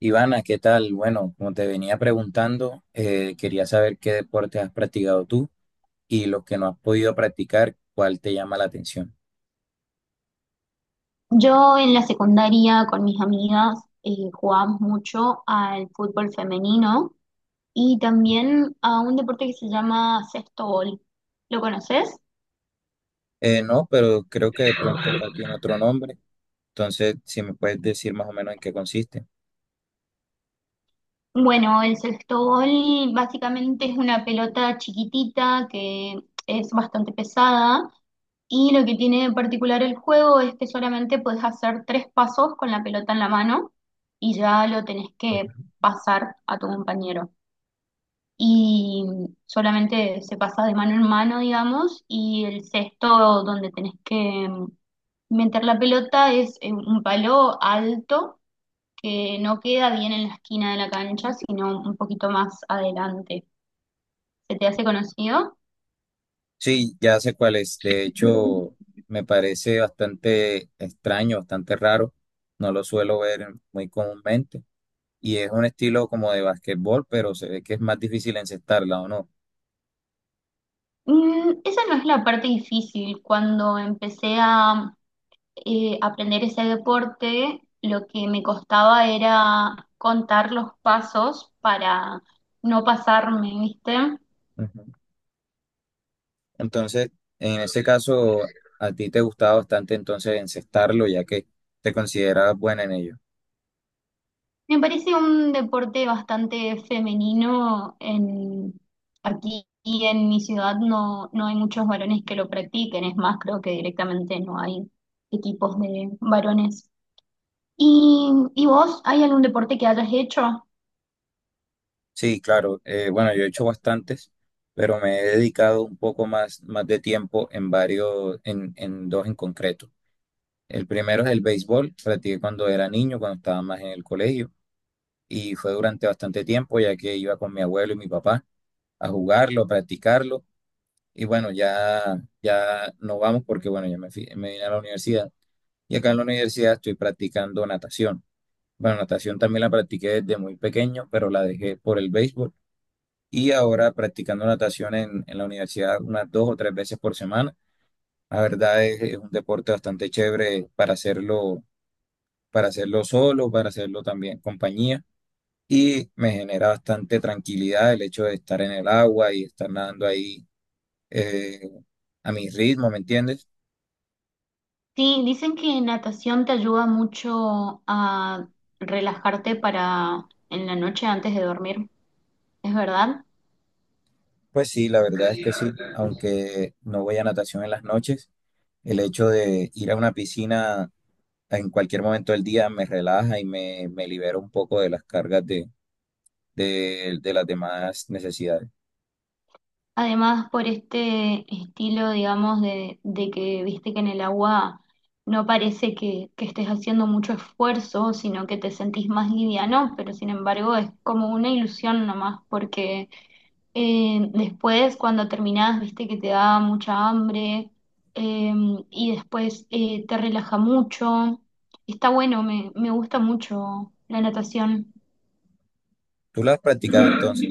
Ivana, ¿qué tal? Bueno, como te venía preguntando, quería saber qué deportes has practicado tú y los que no has podido practicar, ¿cuál te llama la atención? Yo en la secundaria con mis amigas jugábamos mucho al fútbol femenino y también a un deporte que se llama sexto bol. ¿Lo conoces? No, pero creo que de pronto acá tiene otro nombre, entonces si me puedes decir más o menos en qué consiste. Bueno, el sexto bol básicamente es una pelota chiquitita que es bastante pesada y lo que tiene de particular el juego es que solamente puedes hacer tres pasos con la pelota en la mano y ya lo tenés que pasar a tu compañero. Y solamente se pasa de mano en mano, digamos, y el cesto donde tenés que meter la pelota es un palo alto que no queda bien en la esquina de la cancha, sino un poquito más adelante. ¿Se te hace conocido? Sí, ya sé cuál es. De hecho, me parece bastante extraño, bastante raro. No lo suelo ver muy comúnmente. Y es un estilo como de basquetbol, pero se ve que es más difícil encestarla, ¿o no? Mm, esa no es la parte difícil. Cuando empecé a aprender ese deporte, lo que me costaba era contar los pasos para no pasarme, ¿viste? Ujú. Entonces, en ese caso, a ti te gustaba bastante entonces encestarlo, ya que te considerabas buena en ello. Me parece un deporte bastante femenino. En, aquí en mi ciudad no hay muchos varones que lo practiquen, es más, creo que directamente no hay equipos de varones. Y vos, hay algún deporte que hayas hecho? Sí, claro. Bueno, yo he hecho bastantes, pero me he dedicado un poco más, más de tiempo en varios, en dos en concreto. El primero es el béisbol, practiqué cuando era niño, cuando estaba más en el colegio, y fue durante bastante tiempo, ya que iba con mi abuelo y mi papá a jugarlo, a practicarlo, y bueno, ya, ya no vamos porque, bueno, me vine a la universidad. Y acá en la universidad estoy practicando natación. Bueno, natación también la practiqué desde muy pequeño, pero la dejé por el béisbol. Y ahora practicando natación en la universidad unas dos o tres veces por semana. La verdad es un deporte bastante chévere para hacerlo solo, para hacerlo también en compañía. Y me genera bastante tranquilidad el hecho de estar en el agua y estar nadando ahí eh, a mi ritmo, ¿me entiendes? Sí, dicen que natación te ayuda mucho a relajarte para en la noche antes de dormir, ¿es verdad? Pues sí, la verdad es que sí, aunque no voy a natación en las noches. El hecho de ir a una piscina en cualquier momento del día me relaja y me libera un poco de las cargas de las demás necesidades. Además, por este estilo, digamos, de que viste que en el agua no parece que estés haciendo mucho esfuerzo, sino que te sentís más liviano, pero sin embargo es como una ilusión nomás, porque después cuando terminás, viste que te da mucha hambre eh, y después te relaja mucho. Está bueno, me gusta mucho la natación. ¿Tú lo has practicado entonces?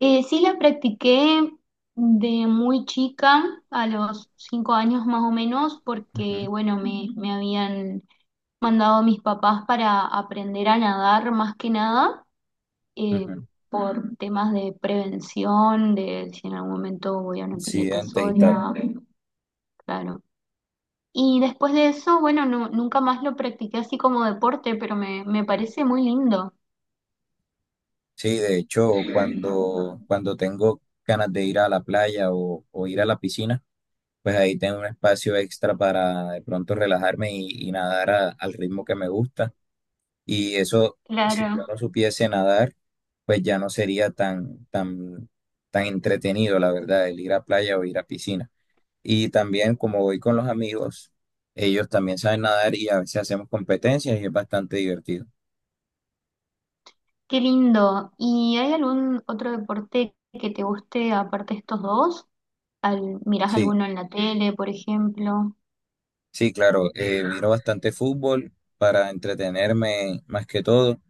Sí la practiqué de muy chica, a los 5 años más o menos, porque Ujú, bueno, me habían mandado mis papás para aprender a nadar más que nada, eh, ujú. por temas de prevención, de si en algún momento voy a una Sí, pileta antes y tal. sola, claro. Y después de eso, bueno, nunca más lo practiqué así como deporte, pero me parece muy lindo. Sí, de hecho, cuando tengo ganas de ir a la playa o ir a la piscina, pues ahí tengo un espacio extra para de pronto relajarme y nadar a- al ritmo que me gusta. Y eso, si yo Claro. no supiese nadar, pues ya no sería tan entretenido, la verdad, el ir a playa o ir a piscina. Y también como voy con los amigos, ellos también saben nadar y a veces hacemos competencias y es bastante divertido. Qué lindo. ¿Y hay algún otro deporte que te guste aparte de estos dos? ¿Al, mirás Sí, alguno en la tele, por ejemplo? sí, claro, miro bastante fútbol para entretenerme más que todo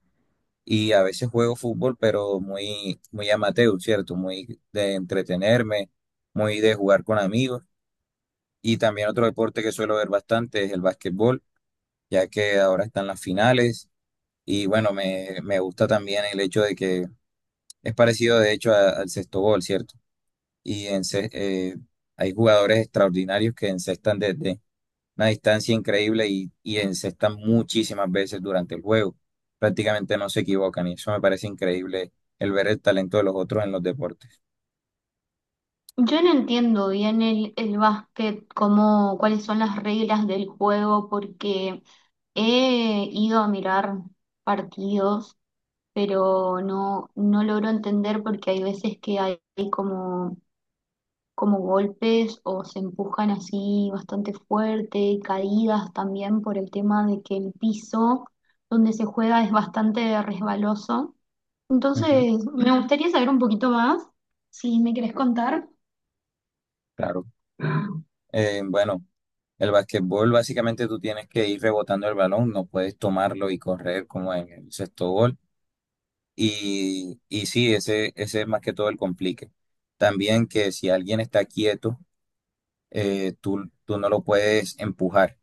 y a veces juego fútbol, pero muy amateur, ¿cierto? Muy de entretenerme, muy de jugar con amigos. Y también otro deporte que suelo ver bastante es el básquetbol, ya que ahora están las finales. Y bueno, me gusta también el hecho de que es parecido de hecho a- al sexto gol, ¿cierto? Y hay jugadores extraordinarios que encestan desde una distancia increíble y encestan muchísimas veces durante el juego. Prácticamente no se equivocan y eso me parece increíble el ver el talento de los otros en los deportes. Yo no entiendo bien el básquet, cómo, cuáles son las reglas del juego, porque he ido a mirar partidos, pero no logro entender porque hay veces que hay como como golpes o se empujan así bastante fuerte, caídas también por el tema de que el piso donde se juega es bastante resbaloso. Ujú. Entonces, me gustaría saber un poquito más, si me querés contar. Claro. Bueno. El basquetbol, básicamente tú tienes que ir rebotando el balón, no puedes tomarlo y correr como en el sexto gol. Y sí, ese es más que todo el complique. También que si alguien está quieto, tú no lo puedes empujar.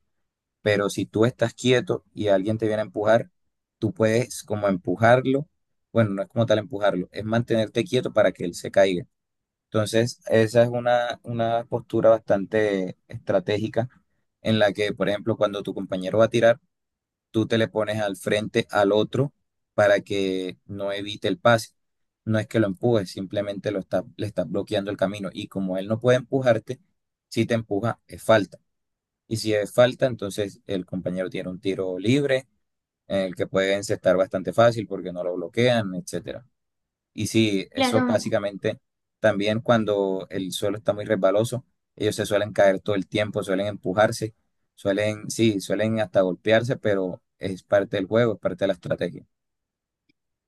Pero si tú estás quieto y alguien te viene a empujar, tú puedes como empujarlo. Bueno, no es como tal empujarlo, es mantenerte quieto para que él se caiga. Entonces, esa es una postura bastante estratégica en la que, por ejemplo, cuando tu compañero va a tirar, tú te le pones al frente al otro para que no evite el pase. No es que lo empujes, simplemente le estás bloqueando el camino. Y como él no puede empujarte, si te empuja, es falta. Y si es falta, entonces el compañero tiene un tiro libre, en el que puede encestar bastante fácil porque no lo bloquean, etc. Y sí, eso Claro, básicamente también cuando el suelo está muy resbaloso, ellos se suelen caer todo el tiempo, suelen empujarse, suelen, sí, suelen hasta golpearse, pero es parte del juego, es parte de la estrategia.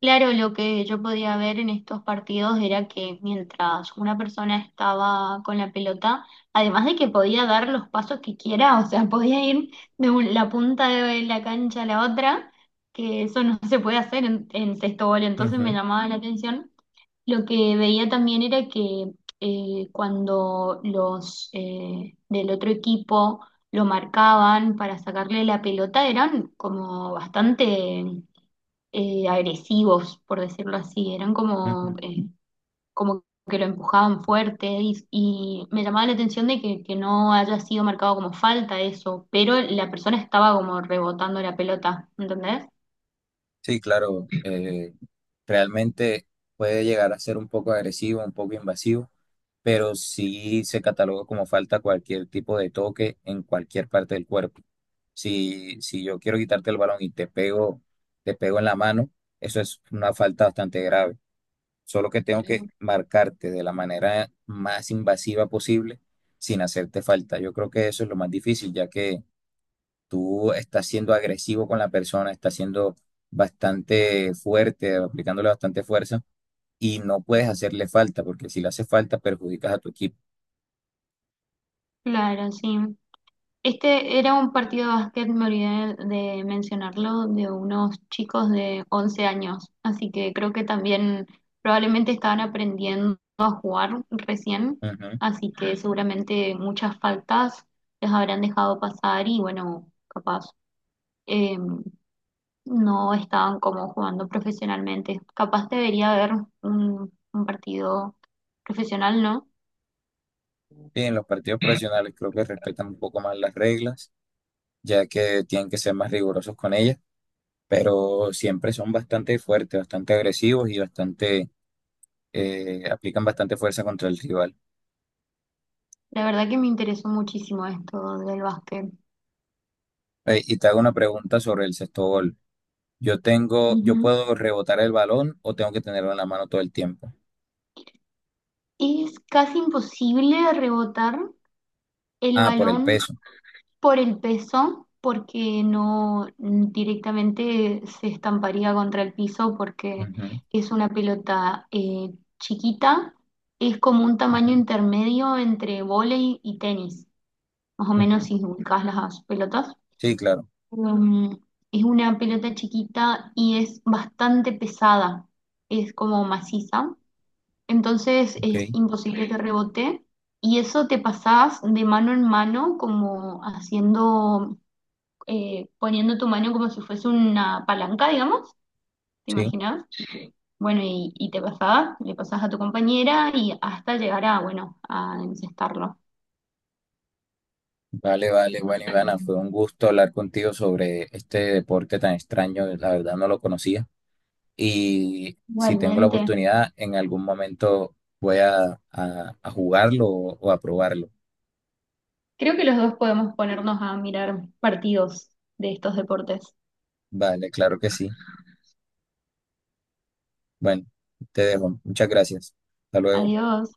claro, lo que yo podía ver en estos partidos era que mientras una persona estaba con la pelota, además de que podía dar los pasos que quiera, o sea, podía ir de la punta de la cancha a la otra, que eso no se puede hacer en sexto gol, entonces me Ujú, llamaba la atención. Lo que veía también era que cuando los del otro equipo lo marcaban para sacarle la pelota, eran como bastante agresivos, por decirlo así, eran como, ujú. Como que lo empujaban fuerte y me llamaba la atención de que no haya sido marcado como falta eso, pero la persona estaba como rebotando la pelota, ¿entendés? Sí, claro, realmente puede llegar a ser un poco agresivo, un poco invasivo, pero sí se cataloga como falta cualquier tipo de toque en cualquier parte del cuerpo. Si yo quiero quitarte el balón y te pego en la mano, eso es una falta bastante grave. Solo que tengo que marcarte de la manera más invasiva posible sin hacerte falta. Yo creo que eso es lo más difícil, ya que tú estás siendo agresivo con la persona, estás siendo bastante fuerte, aplicándole bastante fuerza y no puedes hacerle falta, porque si le hace falta perjudicas a tu equipo. Claro, sí. Este era un partido de básquet, me olvidé de mencionarlo, de unos chicos de 11 años, así que creo que también probablemente estaban aprendiendo a jugar recién, Ujú. así que seguramente muchas faltas les habrán dejado pasar y bueno, capaz eh, no estaban como jugando profesionalmente. Capaz debería haber un partido profesional, ¿no? Y en los partidos profesionales creo que respetan un poco más las reglas, ya que tienen que ser más rigurosos con ellas, pero siempre son bastante fuertes, bastante agresivos y bastante, aplican bastante fuerza contra el rival. La verdad que me interesó muchísimo esto del básquet. Y te hago una pregunta sobre el sexto gol. Yo tengo, yo Ujú. puedo rebotar el balón o tengo que tenerlo en la mano todo el tiempo. Es casi imposible rebotar el Ah, por el balón peso. por el peso porque no mm, directamente se estamparía contra el piso porque Ujú, es una pelota chiquita, es como un ujú, tamaño intermedio entre vóley y tenis, más o menos ujú. si ubicás las pelotas. Sí, claro. Mm, es una pelota chiquita y es bastante pesada, es como maciza entonces Ok, es imposible que rebote y eso te pasás de mano en mano como haciendo, poniendo tu mano como si fuese una palanca, digamos, ¿te sí. imaginas? Bueno, y te pasás, le pasás a tu compañera y hasta llegar a, bueno, a encestarlo. Vale, vale. Bueno, Ivana, fue un gusto hablar contigo sobre este deporte tan extraño. La verdad no lo conocía. Y si tengo la Igualmente, oportunidad, en algún momento voy a, a jugarlo o a probarlo. creo que los dos podemos ponernos a mirar partidos de estos deportes. Vale, claro que sí. Bueno, te dejo. Muchas gracias. Hasta luego. Adiós.